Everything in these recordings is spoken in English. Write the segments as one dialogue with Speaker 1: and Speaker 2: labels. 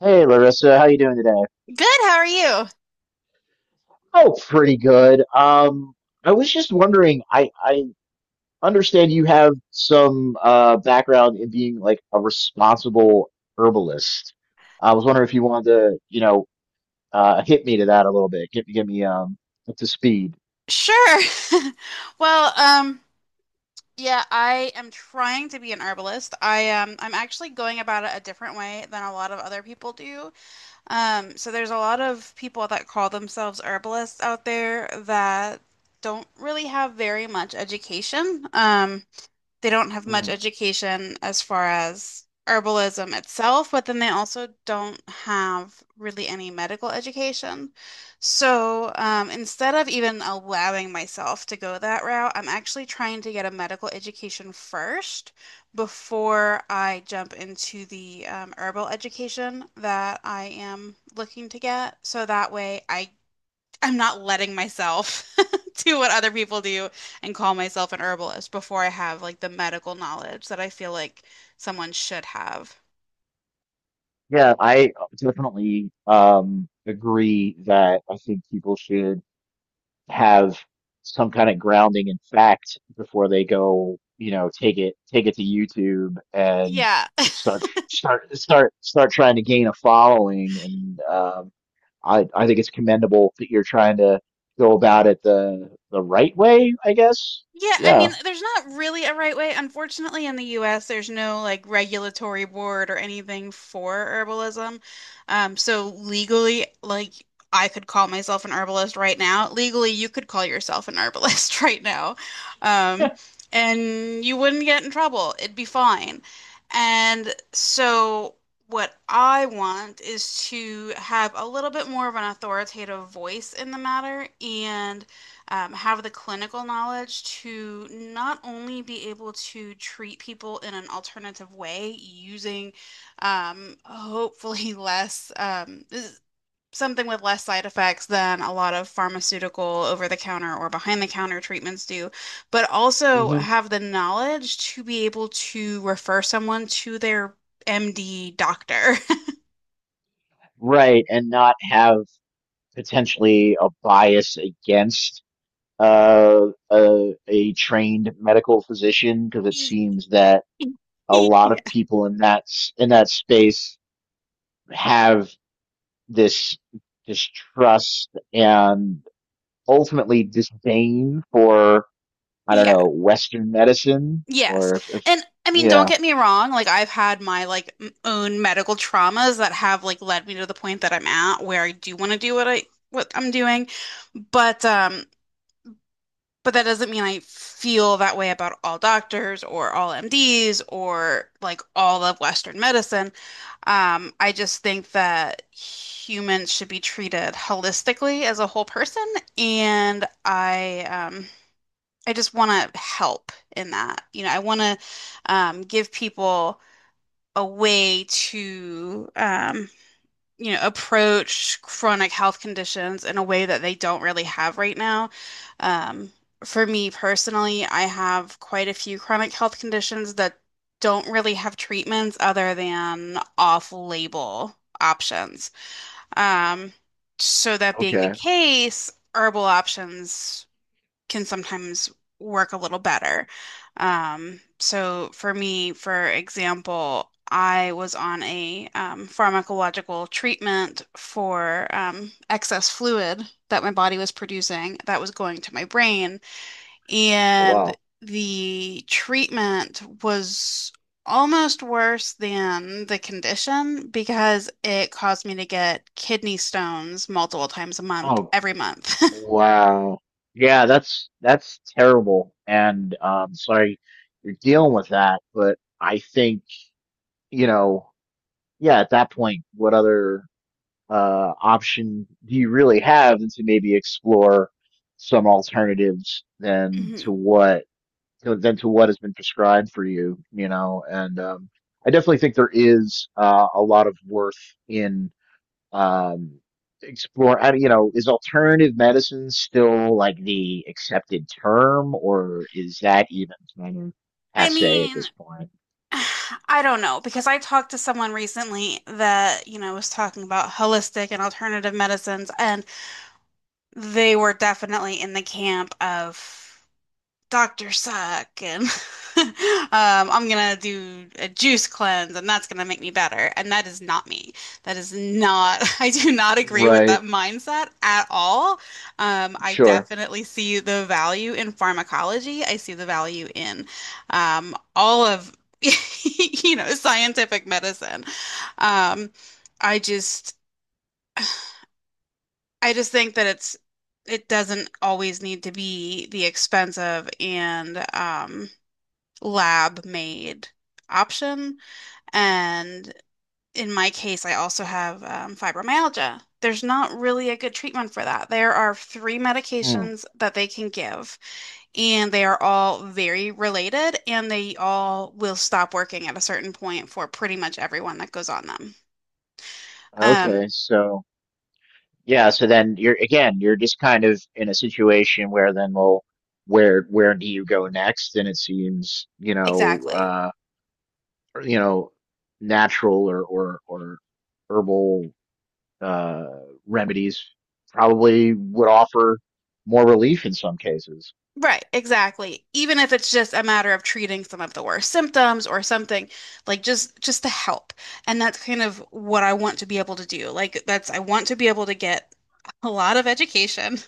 Speaker 1: Hey Larissa, how you doing today?
Speaker 2: Good, how are you?
Speaker 1: Oh, pretty good. I was just wondering, I understand you have some background in being like a responsible herbalist. I was wondering if you wanted to, hit me to that a little bit. Get me up to speed.
Speaker 2: Sure. Well, um, yeah, I am trying to be an herbalist. I'm actually going about it a different way than a lot of other people do. So there's a lot of people that call themselves herbalists out there that don't really have very much education. They don't have much
Speaker 1: Mm.
Speaker 2: education as far as herbalism itself, but then they also don't have really any medical education. So instead of even allowing myself to go that route, I'm actually trying to get a medical education first before I jump into the herbal education that I am looking to get. So that way I'm not letting myself do what other people do and call myself an herbalist before I have like the medical knowledge that I feel like someone should have.
Speaker 1: Yeah, I definitely agree that I think people should have some kind of grounding in fact before they go, you know, take it to YouTube and
Speaker 2: Yeah.
Speaker 1: start trying to gain a following. And I think it's commendable that you're trying to go about it the right way, I guess.
Speaker 2: Yeah, I
Speaker 1: Yeah.
Speaker 2: mean, there's not really a right way. Unfortunately, in the US, there's no like regulatory board or anything for herbalism. So legally, like I could call myself an herbalist right now. Legally, you could call yourself an herbalist right now. Um, and you wouldn't get in trouble. It'd be fine. And so what I want is to have a little bit more of an authoritative voice in the matter and have the clinical knowledge to not only be able to treat people in an alternative way using hopefully less something with less side effects than a lot of pharmaceutical over the counter or behind the counter treatments do, but also
Speaker 1: hmm
Speaker 2: have the knowledge to be able to refer someone to their MD doctor.
Speaker 1: Right, and not have potentially a bias against a trained medical physician, because it seems that a lot
Speaker 2: Yeah.
Speaker 1: of people in in that space have this distrust and ultimately disdain for, I don't
Speaker 2: Yeah.
Speaker 1: know, Western medicine
Speaker 2: Yes.
Speaker 1: or if.
Speaker 2: And I mean, don't
Speaker 1: Yeah.
Speaker 2: get me wrong, like I've had my like own medical traumas that have like led me to the point that I'm at where I do want to do what I'm doing, but um but that doesn't mean I feel that way about all doctors or all MDs or like all of Western medicine. I just think that humans should be treated holistically as a whole person, and I just want to help in that. You know, I want to give people a way to, you know, approach chronic health conditions in a way that they don't really have right now. Um, for me personally, I have quite a few chronic health conditions that don't really have treatments other than off-label options. Um, so that being the
Speaker 1: Okay.
Speaker 2: case, herbal options can sometimes work a little better. So for me, for example, I was on a pharmacological treatment for excess fluid that my body was producing that was going to my brain, and
Speaker 1: Wow.
Speaker 2: the treatment was almost worse than the condition because it caused me to get kidney stones multiple times a month,
Speaker 1: Oh,
Speaker 2: every month.
Speaker 1: wow. Yeah, that's terrible, and sorry you're dealing with that, but I think, you know, yeah, at that point, what other option do you really have than to maybe explore some alternatives than
Speaker 2: Mhm.
Speaker 1: to what, than to what has been prescribed for you, you know? And I definitely think there is a lot of worth in, um, explore. I, you know, is alternative medicine still like the accepted term, or is that even kind of
Speaker 2: I
Speaker 1: passe at
Speaker 2: mean,
Speaker 1: this point?
Speaker 2: I don't know because I talked to someone recently that, you know, was talking about holistic and alternative medicines, and they were definitely in the camp of Dr. Suck and um, I'm gonna do a juice cleanse and that's gonna make me better. And that is not me. That is not, I do not agree with that
Speaker 1: Right.
Speaker 2: mindset at all. I
Speaker 1: Sure.
Speaker 2: definitely see the value in pharmacology. I see the value in all of, you know, scientific medicine. Um, I just, I just think that it doesn't always need to be the expensive and, lab made option. And in my case, I also have fibromyalgia. There's not really a good treatment for that. There are three
Speaker 1: Hmm.
Speaker 2: medications that they can give, and they are all very related, and they all will stop working at a certain point for pretty much everyone that goes on them. Um,
Speaker 1: Okay. So. Yeah, so then you're, again, you're just kind of in a situation where then, well, where do you go next? And it seems,
Speaker 2: exactly.
Speaker 1: you know, natural or or herbal uh remedies probably would offer more relief in some cases.
Speaker 2: Right, exactly. Even if it's just a matter of treating some of the worst symptoms or something, like just to help. And that's kind of what I want to be able to do. Like that's I want to be able to get a lot of education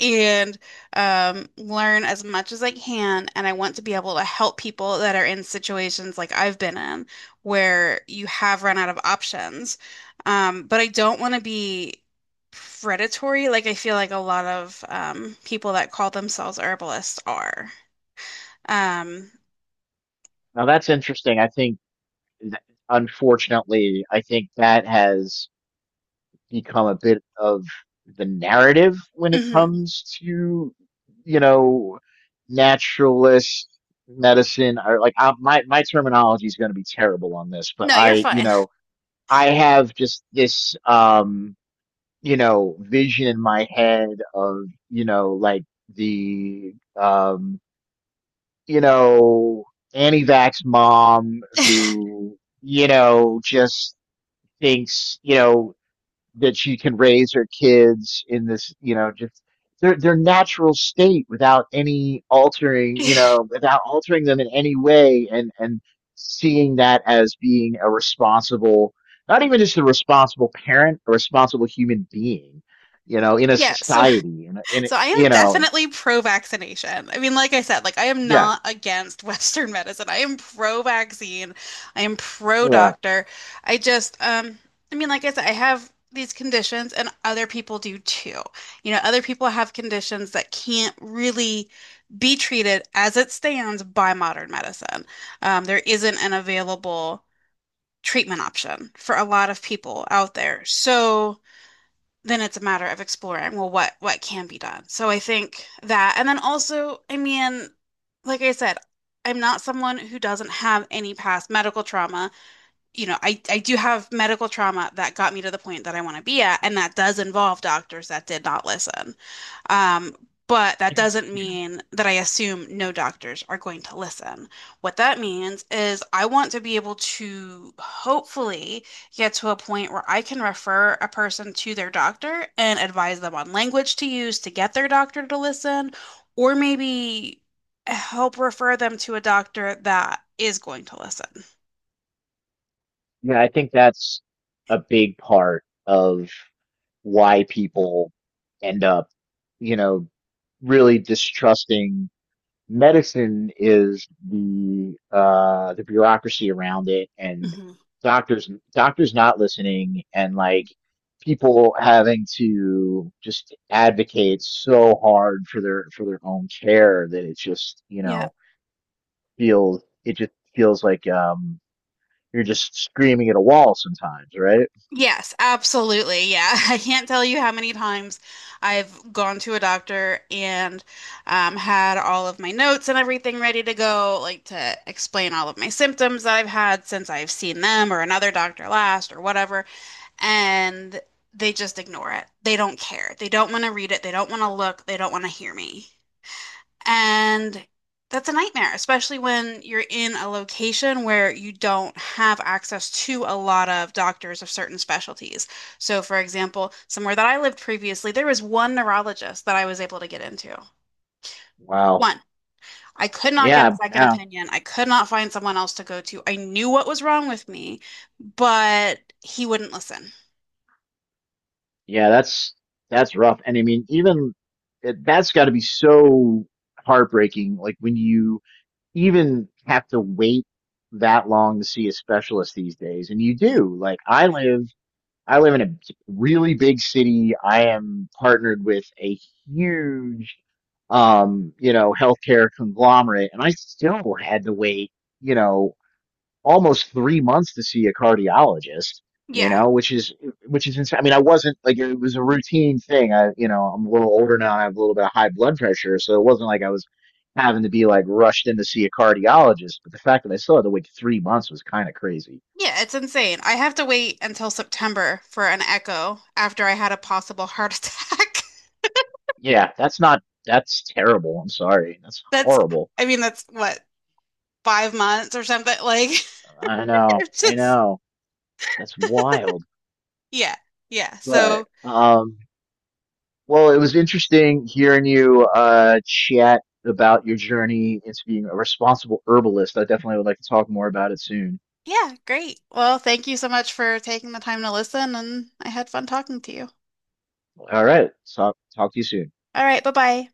Speaker 2: and learn as much as I can. And I want to be able to help people that are in situations like I've been in where you have run out of options. But I don't want to be predatory, like I feel like a lot of people that call themselves herbalists are. Um,
Speaker 1: Now that's interesting. I think, unfortunately, I think that has become a bit of the narrative when it
Speaker 2: mhm.
Speaker 1: comes to, you know, naturalist medicine, or like I, my terminology is going to be terrible on this, but
Speaker 2: No, you're
Speaker 1: I, you
Speaker 2: fine.
Speaker 1: know, I have just this, you know, vision in my head of, you know, like the, um, you know, anti-vax mom who, you know, just thinks, you know, that she can raise her kids in this, you know, just their natural state without any altering, you know, without altering them in any way, and seeing that as being a responsible, not even just a responsible parent, a responsible human being, you know, in a
Speaker 2: Yeah, so
Speaker 1: society, in a,
Speaker 2: So I
Speaker 1: you
Speaker 2: am
Speaker 1: know,
Speaker 2: definitely pro-vaccination. I mean, like I said, like I am
Speaker 1: yeah,
Speaker 2: not against Western medicine. I am pro-vaccine. I am
Speaker 1: yeah,
Speaker 2: pro-doctor. I just, um, I mean, like I said, I have these conditions and other people do too. You know, other people have conditions that can't really be treated as it stands by modern medicine. There isn't an available treatment option for a lot of people out there. So then it's a matter of exploring, well, what can be done. So I think that, and then also, I mean, like I said, I'm not someone who doesn't have any past medical trauma you know, I do have medical trauma that got me to the point that I want to be at, and that does involve doctors that did not listen. Um, but that doesn't mean that I assume no doctors are going to listen. What that means is I want to be able to hopefully get to a point where I can refer a person to their doctor and advise them on language to use to get their doctor to listen, or maybe help refer them to a doctor that is going to listen.
Speaker 1: yeah. I think that's a big part of why people end up, you know, really distrusting medicine is the the bureaucracy around it, and
Speaker 2: Mm-hmm.
Speaker 1: doctors not listening, and like people having to just advocate so hard for their own care, that it just, you know, feels, it just feels like, you're just screaming at a wall sometimes, right?
Speaker 2: Yes, absolutely. Yeah. I can't tell you how many times I've gone to a doctor and had all of my notes and everything ready to go, like to explain all of my symptoms that I've had since I've seen them or another doctor last or whatever. And they just ignore it. They don't care. They don't want to read it. They don't want to look. They don't want to hear me. And that's a nightmare, especially when you're in a location where you don't have access to a lot of doctors of certain specialties. So, for example, somewhere that I lived previously, there was one neurologist that I was able to get into.
Speaker 1: Wow.
Speaker 2: One. I could not get
Speaker 1: Yeah.
Speaker 2: a second
Speaker 1: yeah
Speaker 2: opinion. I could not find someone else to go to. I knew what was wrong with me, but he wouldn't listen.
Speaker 1: yeah that's rough. And I mean, even that's got to be so heartbreaking, like when you even have to wait that long to see a specialist these days. And you
Speaker 2: Mhm.
Speaker 1: do.
Speaker 2: Yeah.
Speaker 1: I live in a really big city. I am partnered with a huge, you know, healthcare conglomerate, and I still had to wait. You know, almost 3 months to see a cardiologist, you
Speaker 2: Yeah.
Speaker 1: know, which is insane. I mean, I wasn't, like, it was a routine thing. I, you know, I'm a little older now. I have a little bit of high blood pressure, so it wasn't like I was having to be like rushed in to see a cardiologist. But the fact that I still had to wait 3 months was kind of crazy.
Speaker 2: Yeah, it's insane. I have to wait until September for an echo after I had a possible heart attack.
Speaker 1: Yeah, that's not, that's terrible. I'm sorry, that's
Speaker 2: That's,
Speaker 1: horrible.
Speaker 2: I mean, that's what, 5 months or something? Like, it's
Speaker 1: I
Speaker 2: just,
Speaker 1: know, that's wild.
Speaker 2: yeah, yeah.
Speaker 1: But
Speaker 2: So,
Speaker 1: um. Well, it was interesting hearing you chat about your journey into being a responsible herbalist. I definitely would like to talk more about it soon.
Speaker 2: yeah, great. Well, thank you so much for taking the time to listen, and I had fun talking to you.
Speaker 1: All right. Talk to you soon.
Speaker 2: All right, bye-bye.